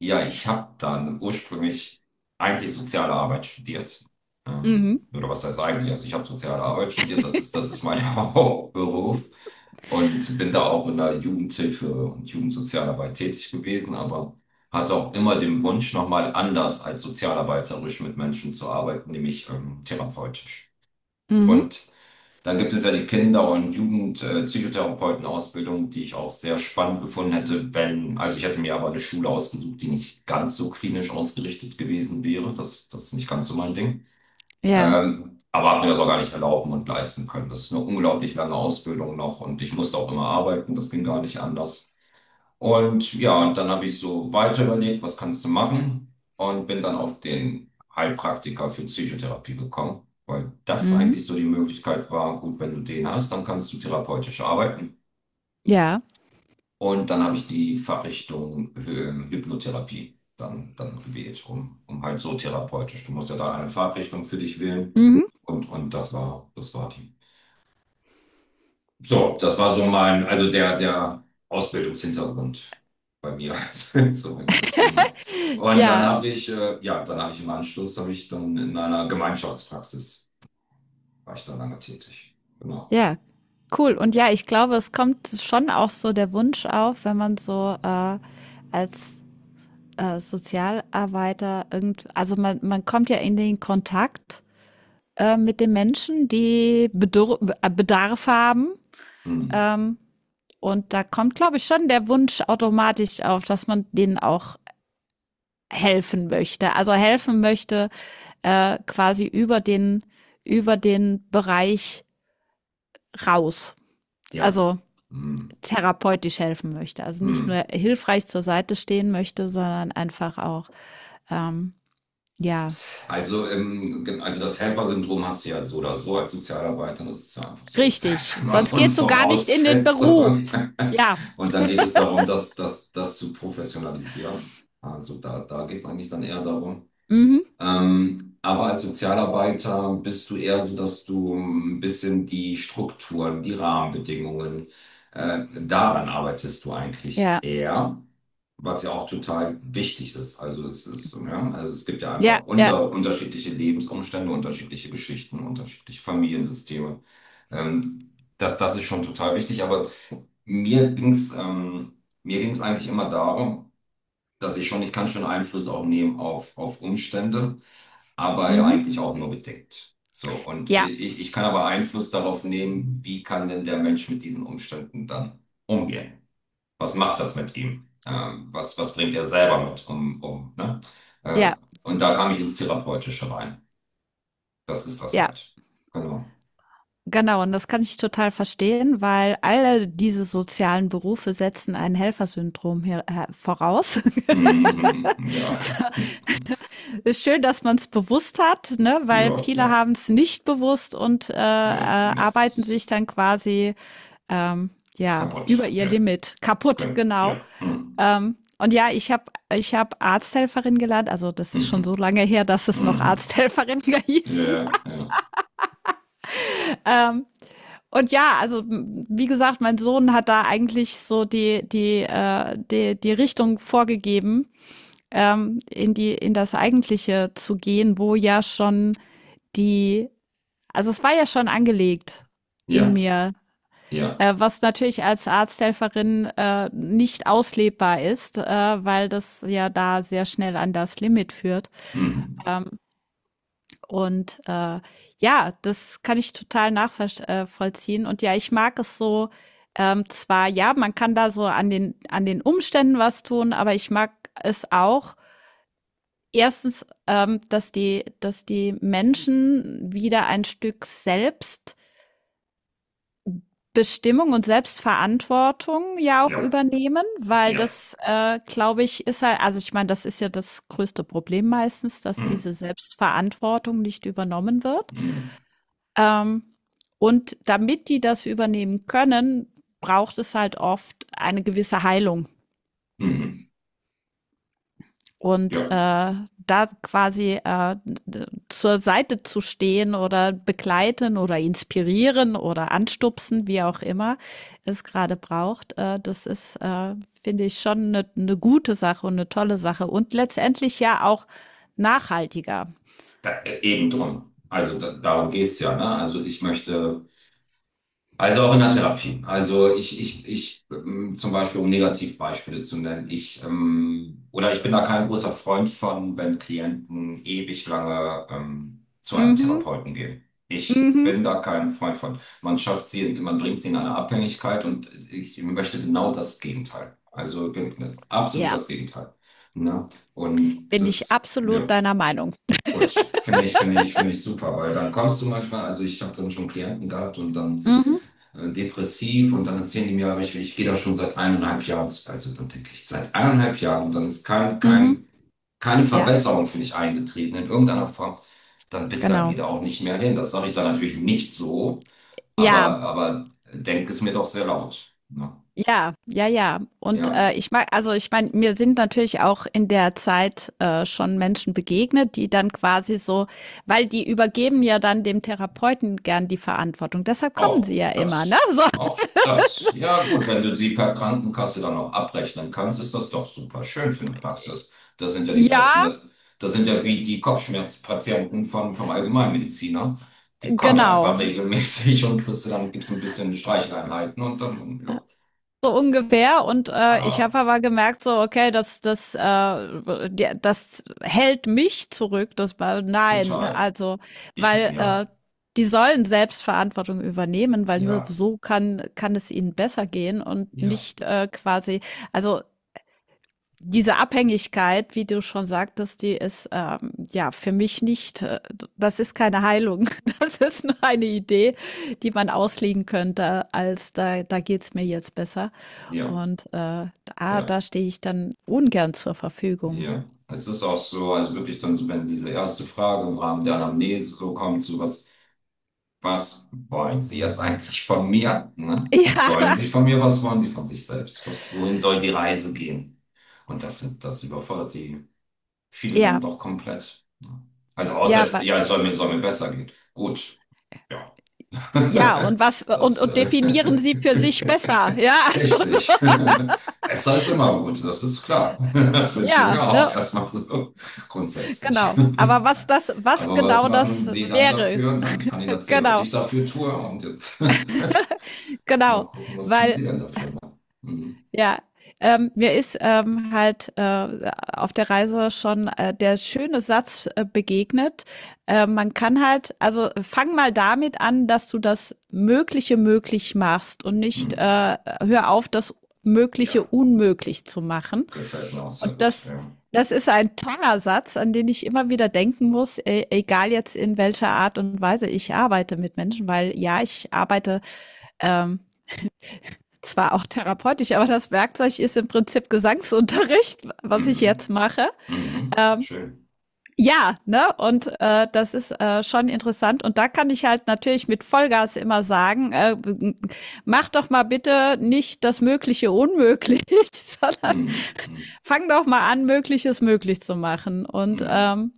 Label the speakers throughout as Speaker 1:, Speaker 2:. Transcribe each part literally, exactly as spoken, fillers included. Speaker 1: Ja, ich habe dann ursprünglich eigentlich soziale Arbeit studiert.
Speaker 2: Mhm.
Speaker 1: Ähm, oder was heißt eigentlich? Also ich habe soziale Arbeit studiert, das ist, das ist mein Hauptberuf und bin da auch in der Jugendhilfe und Jugendsozialarbeit tätig gewesen, aber hatte auch immer den Wunsch, nochmal anders als sozialarbeiterisch mit Menschen zu arbeiten, nämlich ähm, therapeutisch.
Speaker 2: Mhm.
Speaker 1: Und dann gibt es ja die Kinder- und Jugendpsychotherapeuten-Ausbildung, die ich auch sehr spannend gefunden hätte, wenn, also ich hätte mir aber eine Schule ausgesucht, die nicht ganz so klinisch ausgerichtet gewesen wäre. Das, das ist nicht ganz so mein Ding.
Speaker 2: Ja.
Speaker 1: Ähm, aber habe mir das auch gar nicht erlauben und leisten können. Das ist eine unglaublich lange Ausbildung noch und ich musste auch immer arbeiten. Das ging gar nicht anders. Und ja, und dann habe ich so weiter überlegt, was kannst du machen? Und bin dann auf den Heilpraktiker für Psychotherapie gekommen, weil das
Speaker 2: Mhm.
Speaker 1: eigentlich so die Möglichkeit war, gut, wenn du den hast, dann kannst du therapeutisch arbeiten.
Speaker 2: Ja.
Speaker 1: Und dann habe ich die Fachrichtung ähm, Hypnotherapie dann, dann gewählt, um, um halt so therapeutisch. Du musst ja da eine Fachrichtung für dich wählen.
Speaker 2: Mhm.
Speaker 1: Und, und das war, das war die. So, das war so mein, also der, der Ausbildungshintergrund bei mir zumindest, genau. Und dann
Speaker 2: ja.
Speaker 1: habe ich, äh, ja, dann habe ich im Anschluss, habe ich dann in einer Gemeinschaftspraxis, war ich da lange tätig. Genau.
Speaker 2: Ja. Cool. Und ja, ich glaube, es kommt schon auch so der Wunsch auf, wenn man so äh, als äh, Sozialarbeiter irgend, also man, man kommt ja in den Kontakt äh, mit den Menschen, die Bedur äh, Bedarf haben.
Speaker 1: Hm.
Speaker 2: Ähm, und da kommt, glaube ich, schon der Wunsch automatisch auf, dass man denen auch helfen möchte. Also helfen möchte, äh, quasi über den, über den Bereich raus.
Speaker 1: Ja.
Speaker 2: Also
Speaker 1: Hm.
Speaker 2: therapeutisch helfen möchte. Also nicht
Speaker 1: Hm.
Speaker 2: nur hilfreich zur Seite stehen möchte, sondern einfach auch, ähm, ja,
Speaker 1: Also, ähm, gen- also das Helfersyndrom hast du ja so oder so als Sozialarbeiter, das ist ja einfach so, ich
Speaker 2: richtig.
Speaker 1: sag mal,
Speaker 2: Sonst
Speaker 1: so eine
Speaker 2: gehst du gar nicht in den
Speaker 1: Voraussetzung.
Speaker 2: Beruf. Ja.
Speaker 1: Und dann geht es darum, das, das, das zu professionalisieren. Also da, da geht es eigentlich dann eher darum.
Speaker 2: Mhm.
Speaker 1: Ähm, aber als Sozialarbeiter bist du eher so, dass du ein bisschen die Strukturen, die Rahmenbedingungen, äh, daran arbeitest du eigentlich
Speaker 2: Ja.
Speaker 1: eher, was ja auch total wichtig ist. Also es ist, ja, also es gibt ja
Speaker 2: Ja.
Speaker 1: einfach
Speaker 2: Ja.
Speaker 1: unter, unterschiedliche Lebensumstände, unterschiedliche Geschichten, unterschiedliche Familiensysteme. Ähm, das, das ist schon total wichtig, aber mir ging's, ähm, mir ging's eigentlich immer darum, dass ich schon, ich kann schon Einfluss auch nehmen auf, auf Umstände, aber ja
Speaker 2: Mhm.
Speaker 1: eigentlich auch nur bedingt. So, und
Speaker 2: Ja.
Speaker 1: ich, ich kann aber Einfluss darauf nehmen, wie kann denn der Mensch mit diesen Umständen dann umgehen? Was macht das mit ihm? Ähm, was, was bringt er selber mit um, um, ne? Äh,
Speaker 2: Ja.
Speaker 1: und da kam ich ins Therapeutische rein. Das ist das
Speaker 2: Ja.
Speaker 1: halt. Genau.
Speaker 2: Genau, und das kann ich total verstehen, weil alle diese sozialen Berufe setzen ein Helfersyndrom hier äh, voraus.
Speaker 1: Mhm, ja.
Speaker 2: Ist schön, dass man es bewusst hat, ne? Weil
Speaker 1: Ja,
Speaker 2: viele
Speaker 1: ja.
Speaker 2: haben es nicht bewusst und äh, äh,
Speaker 1: Ne, ne, das
Speaker 2: arbeiten sich
Speaker 1: ist
Speaker 2: dann quasi ähm, ja über
Speaker 1: kaputt.
Speaker 2: ihr
Speaker 1: Ja,
Speaker 2: Limit kaputt,
Speaker 1: genau. Ja.
Speaker 2: genau.
Speaker 1: Mhm.
Speaker 2: Ähm, und ja, ich habe ich hab Arzthelferin gelernt, also das ist
Speaker 1: Mhm.
Speaker 2: schon so lange her, dass es noch
Speaker 1: Mhm.
Speaker 2: Arzthelferin hießen.
Speaker 1: Ja, ja,
Speaker 2: Ähm, und ja, also wie gesagt, mein Sohn hat da eigentlich so die, die, äh, die, die Richtung vorgegeben, ähm, in die, in das Eigentliche zu gehen, wo ja schon die, also es war ja schon angelegt
Speaker 1: ja,
Speaker 2: in mir,
Speaker 1: ja, ja.
Speaker 2: äh, was natürlich als Arzthelferin äh, nicht auslebbar ist, äh, weil das ja da sehr schnell an das Limit führt.
Speaker 1: Mhm.
Speaker 2: Ähm, und äh, ja, das kann ich total nachvollziehen. Und ja, ich mag es so. Ähm, zwar, ja, man kann da so an den, an den Umständen was tun, aber ich mag es auch, erstens, ähm, dass die, dass die Menschen wieder ein Stück Selbstbestimmung und Selbstverantwortung ja auch
Speaker 1: Ja,
Speaker 2: übernehmen, weil
Speaker 1: ja,
Speaker 2: das, äh, glaube ich, ist halt, also ich meine, das ist ja das größte Problem meistens, dass
Speaker 1: mhm.
Speaker 2: diese Selbstverantwortung nicht übernommen wird.
Speaker 1: Mhm.
Speaker 2: Ähm, und damit die das übernehmen können, braucht es halt oft eine gewisse Heilung.
Speaker 1: Mhm. Ja,
Speaker 2: Und äh, da quasi äh, zur Seite zu stehen oder begleiten oder inspirieren oder anstupsen, wie auch immer es gerade braucht, äh, das ist, äh, finde ich, schon eine, eine gute Sache und eine tolle Sache und letztendlich ja auch nachhaltiger.
Speaker 1: da, äh, eben drum. Also da, darum geht's ja, ne? Also ich möchte. Also auch in der Therapie. Also ich, ich, ich, ähm, zum Beispiel, um Negativbeispiele zu nennen, ich, ähm, oder ich bin da kein großer Freund von, wenn Klienten ewig lange ähm, zu einem
Speaker 2: Mhm,
Speaker 1: Therapeuten gehen. Ich
Speaker 2: mhm.
Speaker 1: bin da kein Freund von. Man schafft sie, in- man bringt sie in eine Abhängigkeit und ich möchte genau das Gegenteil. Also gen- absolut
Speaker 2: Ja,
Speaker 1: das Gegenteil. Ne? Und
Speaker 2: bin ich
Speaker 1: das,
Speaker 2: absolut
Speaker 1: ja.
Speaker 2: deiner Meinung.
Speaker 1: Gut, finde ich, finde ich, finde ich super, weil dann kommst du manchmal, also ich habe dann schon Klienten gehabt und dann
Speaker 2: Mhm,
Speaker 1: äh, depressiv und dann erzählen die mir, aber ich, ich gehe da schon seit eineinhalb Jahren, zu- also dann denke ich, seit eineinhalb Jahren und dann ist kein,
Speaker 2: mhm.
Speaker 1: kein, keine
Speaker 2: Ja,
Speaker 1: Verbesserung für mich eingetreten in irgendeiner Form, dann bitte, dann geh
Speaker 2: genau.
Speaker 1: da auch nicht mehr hin. Das sage ich dann natürlich nicht so,
Speaker 2: Ja,
Speaker 1: aber, aber denk es mir doch sehr laut. Ne?
Speaker 2: ja, ja, ja. Und
Speaker 1: Ja.
Speaker 2: äh, ich mag, also ich meine, mir sind natürlich auch in der Zeit äh, schon Menschen begegnet, die dann quasi so, weil die übergeben ja dann dem Therapeuten gern die Verantwortung. Deshalb kommen sie
Speaker 1: Auch
Speaker 2: ja immer, ne?
Speaker 1: das.
Speaker 2: So.
Speaker 1: Auch das. Ja, gut, wenn du sie per Krankenkasse dann auch abrechnen kannst, ist das doch super schön für eine Praxis. Das sind ja die besten.
Speaker 2: Ja,
Speaker 1: Das, das sind ja wie die Kopfschmerzpatienten vom, vom Allgemeinmediziner. Die kommen ja
Speaker 2: genau,
Speaker 1: einfach regelmäßig und kriegst du dann gibt's ein bisschen Streicheleinheiten und dann, ja.
Speaker 2: so ungefähr. Und äh, ich habe
Speaker 1: Aber
Speaker 2: aber gemerkt, so, okay, das, das, äh, der- das hält mich zurück. Das war, nein,
Speaker 1: total.
Speaker 2: also,
Speaker 1: Ich,
Speaker 2: weil
Speaker 1: ja,
Speaker 2: äh, die sollen Selbstverantwortung übernehmen, weil nur
Speaker 1: ja,
Speaker 2: so kann, kann es ihnen besser gehen und
Speaker 1: ja,
Speaker 2: nicht äh, quasi, also diese Abhängigkeit, wie du schon sagtest, die ist ähm, ja für mich nicht, äh, das ist keine Heilung. Das ist nur eine Idee, die man auslegen könnte, als da, da geht's mir jetzt besser.
Speaker 1: ja,
Speaker 2: Und äh, da,
Speaker 1: ja,
Speaker 2: da stehe ich dann ungern zur Verfügung.
Speaker 1: ja. Es ist auch so, also wirklich dann so, wenn diese erste Frage im Rahmen der Anamnese so kommt, so was. Was wollen Sie jetzt eigentlich von mir? Ne? Was wollen
Speaker 2: Ja,
Speaker 1: Sie von mir? Was wollen Sie von sich selbst? Was, wohin soll die Reise gehen? Und das, sind- das überfordert die viele dann
Speaker 2: ja,
Speaker 1: doch komplett. Ne? Also außer
Speaker 2: ja,
Speaker 1: es,
Speaker 2: wa-
Speaker 1: ja, es soll mir, soll mir besser gehen. Gut, ja.
Speaker 2: ja, und was, und,
Speaker 1: Das,
Speaker 2: und
Speaker 1: äh,
Speaker 2: definieren sie für sich besser. Ja, also so.
Speaker 1: richtig. Besser ist immer gut, das ist klar. Das wünsche ich
Speaker 2: Ja,
Speaker 1: mir auch
Speaker 2: ne,
Speaker 1: erstmal so grundsätzlich.
Speaker 2: genau. Aber was
Speaker 1: Ja.
Speaker 2: das, was
Speaker 1: Aber was
Speaker 2: genau
Speaker 1: machen
Speaker 2: das
Speaker 1: Sie dann
Speaker 2: wäre,
Speaker 1: dafür? Na, ich kann Ihnen erzählen, was
Speaker 2: genau,
Speaker 1: ich dafür tue und jetzt mal
Speaker 2: genau.
Speaker 1: gucken, was tun Sie
Speaker 2: Weil
Speaker 1: denn dafür? Ne? Mhm.
Speaker 2: ja, ähm, mir ist, ähm, halt, äh, auf der Reise schon, äh, der schöne Satz, äh, begegnet. Äh, man kann halt, also fang mal damit an, dass du das Mögliche möglich machst und nicht, äh
Speaker 1: Mhm.
Speaker 2: hör auf, das Mögliche
Speaker 1: Ja,
Speaker 2: unmöglich zu machen.
Speaker 1: gefällt mir auch sehr
Speaker 2: Und
Speaker 1: gut.
Speaker 2: das
Speaker 1: Ja.
Speaker 2: das ist ein toller Satz, an den ich immer wieder denken muss, e egal jetzt in welcher Art und Weise ich arbeite mit Menschen, weil ja, ich arbeite, ähm, zwar auch therapeutisch, aber das Werkzeug ist im Prinzip Gesangsunterricht, was ich jetzt
Speaker 1: Mhm.
Speaker 2: mache.
Speaker 1: Mhm. Schön.
Speaker 2: Ja, ne? Und äh, das ist äh, schon interessant. Und da kann ich halt natürlich mit Vollgas immer sagen, äh, mach doch mal bitte nicht das Mögliche unmöglich, sondern
Speaker 1: Mhm. Mhm.
Speaker 2: fang doch mal an, Mögliches möglich zu machen. Und
Speaker 1: Mhm.
Speaker 2: ähm,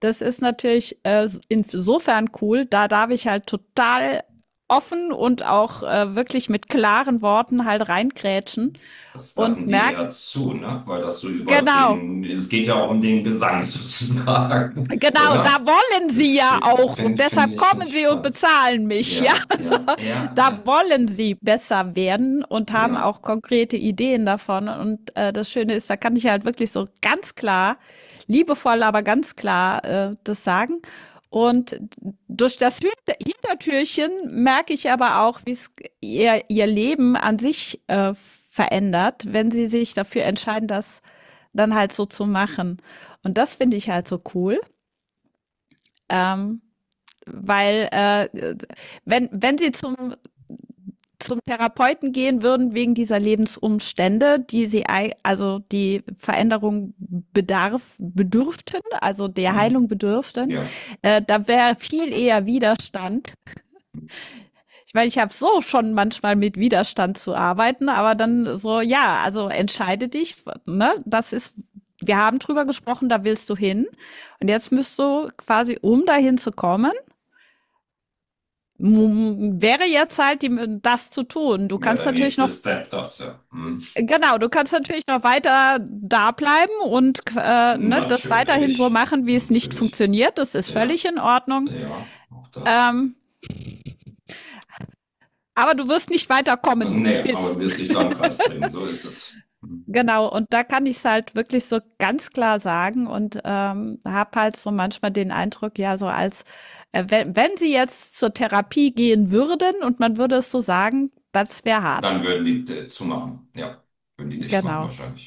Speaker 2: das ist natürlich äh, insofern cool, da darf ich halt total offen und auch äh, wirklich mit klaren Worten halt reingrätschen
Speaker 1: Das lassen
Speaker 2: und
Speaker 1: die
Speaker 2: merke,
Speaker 1: eher zu, ne? Weil das so über
Speaker 2: genau,
Speaker 1: den, es geht ja auch um den Gesang sozusagen,
Speaker 2: genau,
Speaker 1: oder?
Speaker 2: da wollen sie
Speaker 1: Das
Speaker 2: ja
Speaker 1: finde
Speaker 2: auch.
Speaker 1: find, find
Speaker 2: Deshalb
Speaker 1: ich, find
Speaker 2: kommen
Speaker 1: ich
Speaker 2: sie und
Speaker 1: spannend.
Speaker 2: bezahlen mich. Ja,
Speaker 1: Ja,
Speaker 2: also,
Speaker 1: ja, ja,
Speaker 2: da
Speaker 1: ja,
Speaker 2: wollen sie besser werden und haben
Speaker 1: ja.
Speaker 2: auch konkrete Ideen davon. Und äh, das Schöne ist, da kann ich halt wirklich so ganz klar, liebevoll, aber ganz klar äh, das sagen. Und durch das Hintertürchen merke ich aber auch, wie es ihr, ihr Leben an sich äh, verändert, wenn sie sich dafür entscheiden, das dann halt so zu machen. Und das finde ich halt so cool. Ähm, weil äh, wenn, Wenn sie zum, zum Therapeuten gehen würden wegen dieser Lebensumstände, die sie, also die Veränderung bedarf, bedürften, also der
Speaker 1: Hm.
Speaker 2: Heilung bedürften,
Speaker 1: Ja,
Speaker 2: äh, da wäre viel eher Widerstand. Ich meine, ich habe so schon manchmal mit Widerstand zu arbeiten, aber dann so, ja, also entscheide dich, ne? Das ist, wir haben drüber gesprochen, da willst du hin. Und jetzt müsst du quasi, um dahin zu kommen, wäre jetzt halt die, das zu tun. Du
Speaker 1: ja,
Speaker 2: kannst
Speaker 1: der
Speaker 2: natürlich
Speaker 1: nächste
Speaker 2: noch,
Speaker 1: Step, das ja. Hm.
Speaker 2: genau, du kannst natürlich noch weiter da bleiben und äh, ne, das weiterhin so
Speaker 1: Natürlich,
Speaker 2: machen, wie es nicht
Speaker 1: natürlich.
Speaker 2: funktioniert. Das ist
Speaker 1: Ja,
Speaker 2: völlig in Ordnung.
Speaker 1: ja, auch das.
Speaker 2: Ähm, aber du wirst nicht weiterkommen.
Speaker 1: Nee, aber du
Speaker 2: Bis.
Speaker 1: wirst dich da im Kreis drehen, so ist es. Hm.
Speaker 2: Genau, und da kann ich es halt wirklich so ganz klar sagen und ähm, habe halt so manchmal den Eindruck, ja, so als, äh, wenn, wenn sie jetzt zur Therapie gehen würden und man würde es so sagen, das wäre
Speaker 1: Dann
Speaker 2: hart.
Speaker 1: würden die äh, zumachen, ja. Würden die dicht machen
Speaker 2: Genau.
Speaker 1: wahrscheinlich.